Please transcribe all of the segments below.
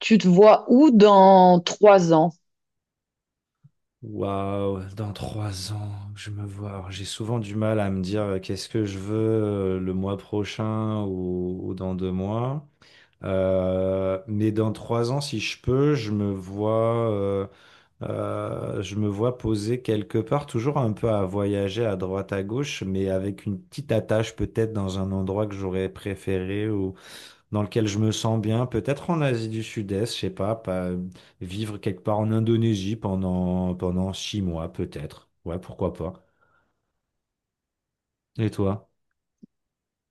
Tu te vois où dans 3 ans? Waouh, dans trois ans, je me vois. Alors, j'ai souvent du mal à me dire qu'est-ce que je veux le mois prochain ou dans deux mois. Mais dans trois ans, si je peux, je me vois posé quelque part, toujours un peu à voyager à droite à gauche, mais avec une petite attache peut-être dans un endroit que j'aurais préféré, dans lequel je me sens bien, peut-être en Asie du Sud-Est, je sais pas, pas vivre quelque part en Indonésie pendant six mois, peut-être. Ouais, pourquoi pas. Et toi?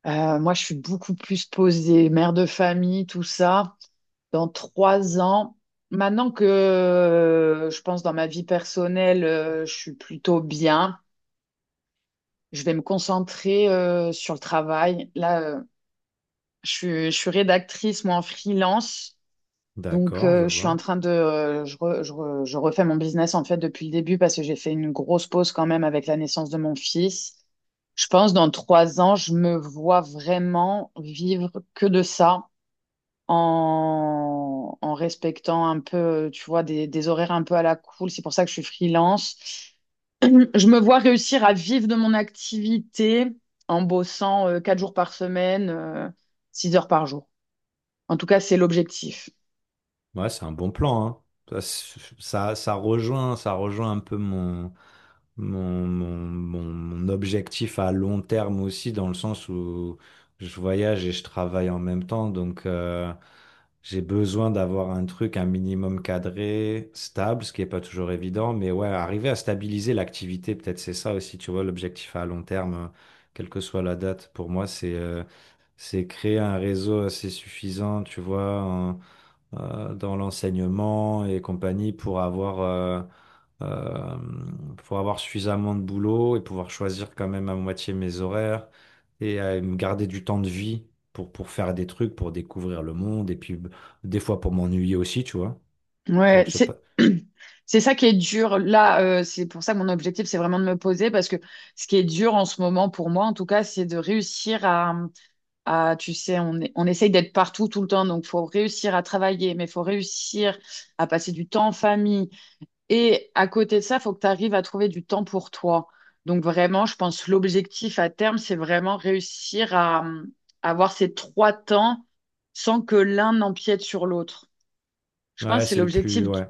Moi, je suis beaucoup plus posée, mère de famille, tout ça. Dans 3 ans, maintenant que je pense dans ma vie personnelle, je suis plutôt bien. Je vais me concentrer sur le travail. Là, je suis rédactrice, moi, en freelance. Donc, D'accord, je je suis en vois. train de, je refais mon business en fait depuis le début parce que j'ai fait une grosse pause quand même avec la naissance de mon fils. Je pense dans 3 ans, je me vois vraiment vivre que de ça en respectant un peu, tu vois, des horaires un peu à la cool. C'est pour ça que je suis freelance. Je me vois réussir à vivre de mon activité en bossant 4 jours par semaine, 6 heures par jour. En tout cas, c'est l'objectif. Ouais, c'est un bon plan, hein. Ça, c'est- ça, ça rejoint un peu mon objectif à long terme aussi, dans le sens où je voyage et je travaille en même temps. Donc, j'ai besoin d'avoir un truc, un minimum cadré, stable, ce qui n'est pas toujours évident. Mais ouais, arriver à stabiliser l'activité, peut-être c'est ça aussi, tu vois, l'objectif à long terme, quelle que soit la date. Pour moi, c'est créer un réseau assez suffisant, tu vois, dans l'enseignement et compagnie pour avoir. Euh, pour avoir suffisamment de boulot et pouvoir choisir quand même à moitié mes horaires et à me garder du temps de vie pour faire des trucs, pour découvrir le monde et puis des fois pour m'ennuyer aussi, tu vois. Genre, Ouais, je sais pas. c'est c'est ça qui est dur. Là, c'est pour ça que mon objectif, c'est vraiment de me poser parce que ce qui est dur en ce moment pour moi, en tout cas, c'est de réussir à tu sais, on essaye d'être partout tout le temps, donc faut réussir à travailler, mais faut réussir à passer du temps en famille. Et à côté de ça, faut que tu arrives à trouver du temps pour toi. Donc vraiment, je pense l'objectif à terme, c'est vraiment réussir à avoir ces trois temps sans que l'un n'empiète sur l'autre. Je pense Ouais, que c'est c'est le l'objectif, plus. Ouais.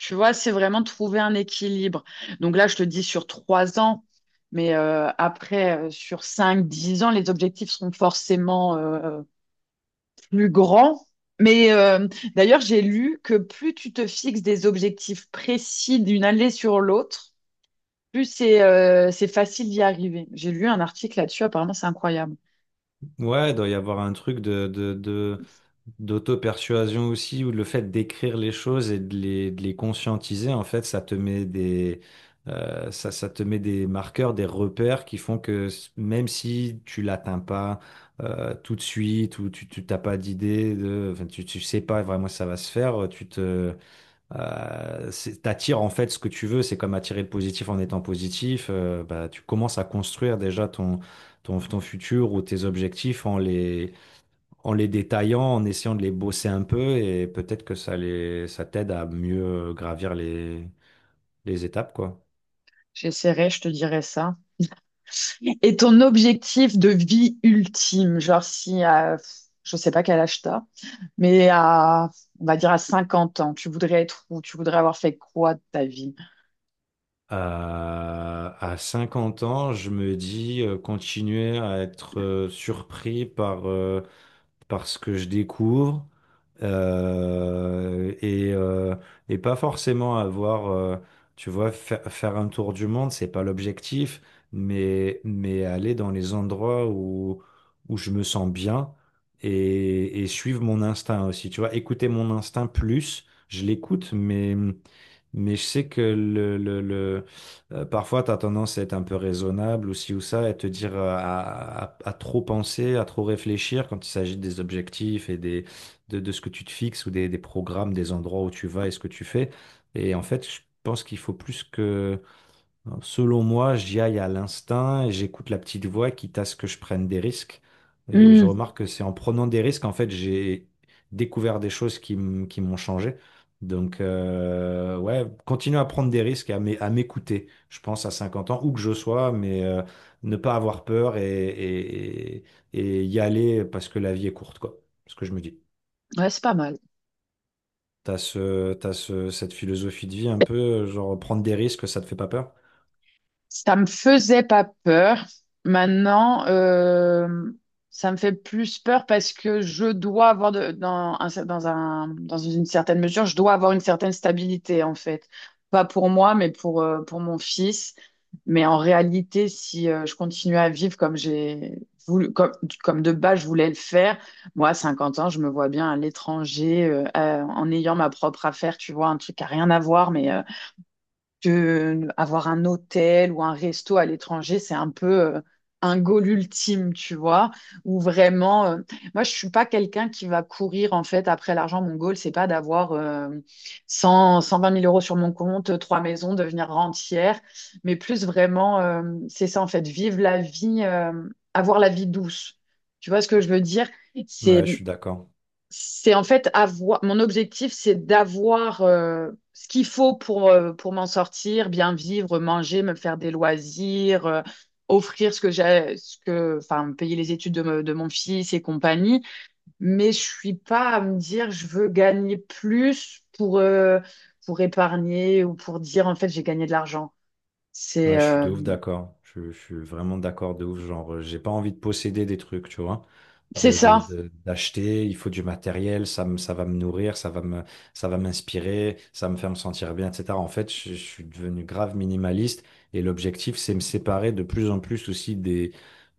tu vois, c'est vraiment trouver un équilibre. Donc là, je te dis sur 3 ans, mais après, sur 5, 10 ans, les objectifs seront forcément plus grands. Mais d'ailleurs, j'ai lu que plus tu te fixes des objectifs précis d'une année sur l'autre, plus c'est facile d'y arriver. J'ai lu un article là-dessus, apparemment, c'est incroyable. Ouais, il doit y avoir un truc d'auto-persuasion aussi, ou le fait d'écrire les choses et de les conscientiser, en fait, ça te met des, ça te met des marqueurs, des repères qui font que même si tu l'atteins pas tout de suite, ou tu t'as pas d'idée, de, enfin, tu sais pas vraiment si ça va se faire, t'attires en fait ce que tu veux, c'est comme attirer le positif en étant positif. Bah, tu commences à construire déjà ton futur ou tes objectifs en les détaillant, en essayant de les bosser un peu et peut-être que ça t'aide à mieux gravir les étapes, quoi. J'essaierai, je te dirai ça. Et ton objectif de vie ultime, genre si, je sais pas quel âge t'as. Mais on va dire à 50 ans, tu voudrais être où? Tu voudrais avoir fait quoi de ta vie? À 50 ans, je me dis continuer à être surpris par parce que je découvre euh, et, euh, et pas forcément avoir, tu vois, faire un tour du monde, c'est pas l'objectif, mais aller dans les endroits où, où je me sens bien et suivre mon instinct aussi, tu vois, écouter mon instinct plus, je l'écoute, mais. Mais je sais que parfois, tu as tendance à être un peu raisonnable ou ci ou ça, et te dire à trop penser, à trop réfléchir quand il s'agit des objectifs et de ce que tu te fixes ou des programmes, des endroits où tu vas et ce que tu fais. Et en fait, je pense qu'il faut plus que... Hein, selon moi, j'y aille à l'instinct et j'écoute la petite voix, quitte à ce que je prenne des risques. Et je Hmm, remarque que c'est en prenant des risques, en fait, j'ai découvert des choses qui m'ont changé. Donc, ouais, continuer à prendre des risques et à à m'écouter, je pense, à 50 ans, où que je sois, mais ne pas avoir peur et y aller parce que la vie est courte, quoi. Ce que je me dis. ouais, c'est pas mal. Cette philosophie de vie un peu, genre prendre des risques, ça te fait pas peur? Ça me faisait pas peur. Maintenant, ça me fait plus peur parce que je dois avoir de- dans un cer- dans un- dans une certaine mesure, je dois avoir une certaine stabilité en fait. Pas pour moi, mais pour mon fils. Mais en réalité, si je continue à vivre comme j'ai voulu, comme de base je voulais le faire, moi, à 50 ans, je me vois bien à l'étranger, en ayant ma propre affaire, tu vois, un truc à rien à voir, mais que avoir un hôtel ou un resto à l'étranger, c'est un peu euh, un goal ultime, tu vois, ou vraiment moi je suis pas quelqu'un qui va courir en fait après l'argent. Mon goal, c'est pas d'avoir cent vingt mille euros sur mon compte, trois maisons, devenir rentière, mais plus vraiment c'est ça en fait, vivre la vie, avoir la vie douce. Tu vois ce que je veux dire? C'est Ouais, je suis d'accord. c'est en fait avoir mon objectif, c'est d'avoir ce qu'il faut pour m'en sortir, bien vivre, manger, me faire des loisirs, offrir ce que j'ai, ce que, enfin, payer les études de mon fils et compagnie. Mais je suis pas à me dire je veux gagner plus pour épargner ou pour dire en fait j'ai gagné de l'argent. C'est Ouais, je suis de euh, ouf d'accord. Je suis vraiment d'accord de ouf. Genre, j'ai pas envie de posséder des trucs, tu vois. c'est ça. D'acheter, il faut du matériel, ça va me nourrir, ça va m'inspirer, ça va me faire me sentir bien, etc. En fait, je suis devenu grave minimaliste et l'objectif, c'est me séparer de plus en plus aussi des,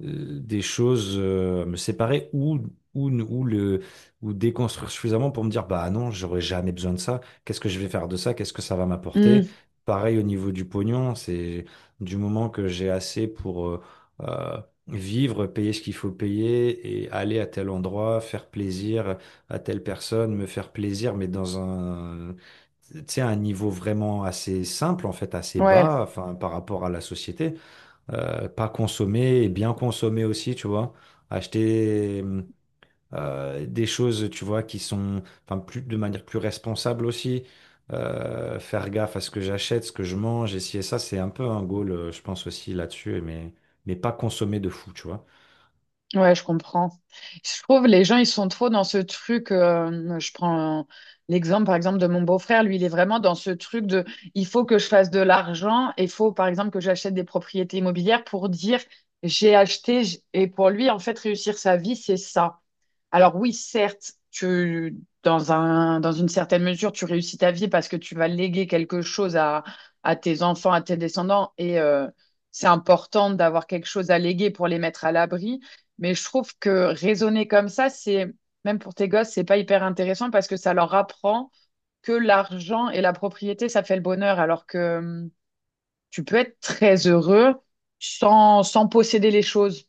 euh, des choses, me séparer ou, ou le, ou déconstruire suffisamment pour me dire, bah non, j'aurais jamais besoin de ça. Qu'est-ce que je vais faire de ça? Qu'est-ce que ça va Mm. m'apporter? Pareil au niveau du pognon, c'est du moment que j'ai assez pour euh, vivre, payer ce qu'il faut payer et aller à tel endroit, faire plaisir à telle personne, me faire plaisir, mais dans un, tu sais, un niveau vraiment assez simple, en fait, assez Ouais. bas, enfin, par rapport à la société. Pas consommer et bien consommer aussi, tu vois. Acheter. Des choses, tu vois, qui sont, enfin, plus, de manière plus responsable aussi. Faire gaffe à ce que j'achète, ce que je mange, essayer ça, c'est un peu un goal, je pense aussi là-dessus, mais pas consommer de fou, tu vois. Ouais, je comprends. Je trouve les gens, ils sont trop dans ce truc. Je prends l'exemple, par exemple, de mon beau-frère. Lui, il est vraiment dans ce truc de il faut que je fasse de l'argent et il faut, par exemple, que j'achète des propriétés immobilières pour dire j'ai acheté. Et pour lui, en fait, réussir sa vie, c'est ça. Alors oui, certes, tu, dans un, dans une certaine mesure, tu réussis ta vie parce que tu vas léguer quelque chose à tes enfants, à tes descendants, et c'est important d'avoir quelque chose à léguer pour les mettre à l'abri. Mais je trouve que raisonner comme ça, c'est, même pour tes gosses, c'est pas hyper intéressant parce que ça leur apprend que l'argent et la propriété, ça fait le bonheur, alors que tu peux être très heureux sans, sans posséder les choses.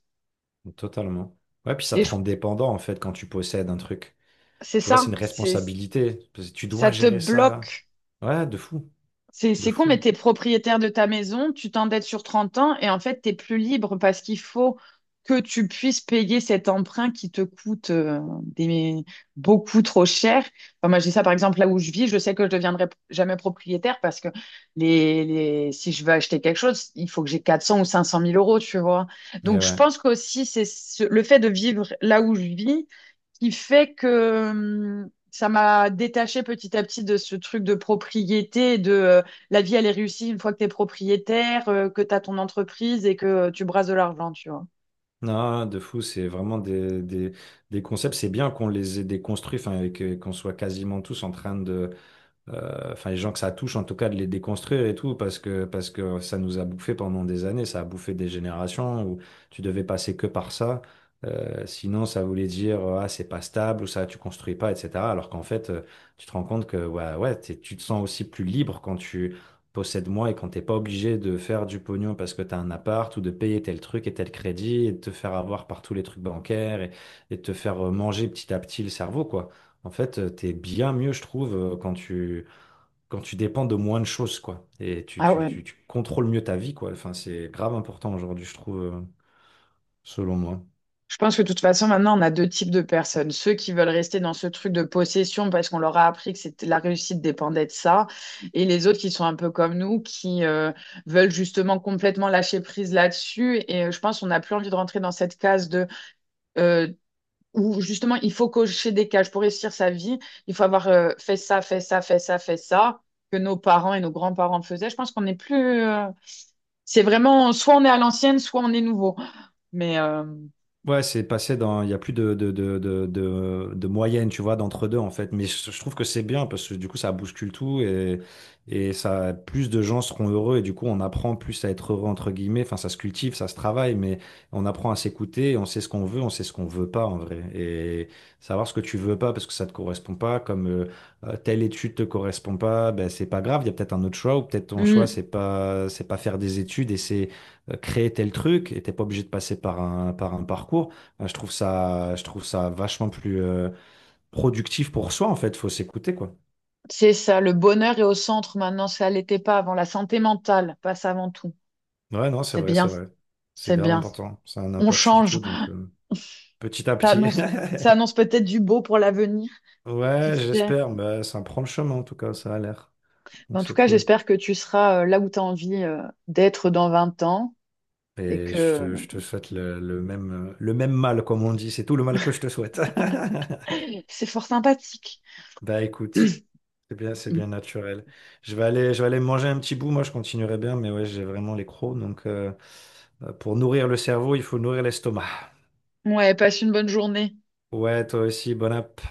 Totalement. Ouais, puis ça Et te je- rend dépendant, en fait, quand tu possèdes un truc. c'est Tu vois, c'est ça, une c'est, responsabilité. Parce que tu ça dois te gérer ça. bloque. Ouais, de fou, C'est, de c'est con, fou. mais t'es propriétaire de ta maison, tu t'endettes sur 30 ans et en fait, t'es plus libre parce qu'il faut que tu puisses payer cet emprunt qui te coûte des- beaucoup trop cher. Enfin, moi, j'ai ça par exemple là où je vis, je sais que je ne deviendrai jamais propriétaire parce que si je veux acheter quelque chose, il faut que j'ai 400 ou 500 mille euros, tu vois. Mais Donc, je ouais. pense qu'aussi, le fait de vivre là où je vis qui fait que ça m'a détaché petit à petit de ce truc de propriété, de la vie, elle est réussie une fois que tu es propriétaire, que tu as ton entreprise et que tu brasses de l'argent, tu vois. Non, de fou, c'est vraiment des concepts. C'est bien qu'on les ait déconstruits, enfin, qu'on soit quasiment tous en train de enfin les gens que ça touche en tout cas de les déconstruire et tout parce que ça nous a bouffé pendant des années, ça a bouffé des générations où tu devais passer que par ça. Sinon, ça voulait dire ah c'est pas stable ou ça tu construis pas etc. Alors qu'en fait tu te rends compte que ouais, tu te sens aussi plus libre quand tu possèdes moins et quand t'es pas obligé de faire du pognon parce que t'as un appart ou de payer tel truc et tel crédit et de te faire avoir par tous les trucs bancaires et de te faire manger petit à petit le cerveau quoi. En fait, t'es bien mieux, je trouve, quand tu dépends de moins de choses, quoi. Et Ah ouais. Tu contrôles mieux ta vie, quoi. Enfin, c'est grave important aujourd'hui, je trouve, selon moi. Je pense que de toute façon, maintenant, on a deux types de personnes. Ceux qui veulent rester dans ce truc de possession parce qu'on leur a appris que la réussite dépendait de ça. Et les autres qui sont un peu comme nous, qui veulent justement complètement lâcher prise là-dessus. Et je pense qu'on n'a plus envie de rentrer dans cette case de euh, où justement il faut cocher des cases pour réussir sa vie, il faut avoir fait ça, fait ça, fait ça, fait ça, que nos parents et nos grands-parents faisaient. Je pense qu'on n'est plus. C'est vraiment soit on est à l'ancienne, soit on est nouveau. Mais Ouais, c'est passé dans. Il n'y a plus de moyenne, tu vois, d'entre deux, en fait. Mais je trouve que c'est bien parce que du coup, ça bouscule tout et ça, plus de gens seront heureux et du coup, on apprend plus à être heureux, entre guillemets. Enfin, ça se cultive, ça se travaille, mais on apprend à s'écouter et on sait ce qu'on veut, on sait ce qu'on veut pas, en vrai. Et savoir ce que tu veux pas parce que ça te correspond pas, comme telle étude te correspond pas, ben, c'est pas grave. Il y a peut-être un autre choix ou peut-être ton choix, hmm, c'est pas faire des études et c'est créer tel truc et t'es pas obligé de passer par un parcours. Je trouve ça, je trouve ça vachement plus productif pour soi, en fait. Faut s'écouter, quoi. c'est ça, le bonheur est au centre maintenant, ça l'était pas avant. La santé mentale passe avant tout. Ouais, non, c'est C'est vrai, c'est bien, vrai. C'est c'est grave bien. important. Ça a un On impact sur change. tout, donc petit à Ça petit. annonce, ça annonce peut-être du beau pour l'avenir. Qui Ouais, sait? j'espère. Bah, ça prend le chemin, en tout cas, ça a l'air. Donc En tout c'est cas, cool. j'espère que tu seras là où tu as envie d'être dans 20 ans et Et que. Je te souhaite le même mal, comme on dit. C'est tout le mal que je te souhaite. C'est fort sympathique. Bah écoute. C'est bien naturel. Je vais aller manger un petit bout. Moi, je continuerai bien, mais ouais, j'ai vraiment les crocs. Donc, pour nourrir le cerveau, il faut nourrir l'estomac. Ouais, passe une bonne journée. Ouais, toi aussi, bon app.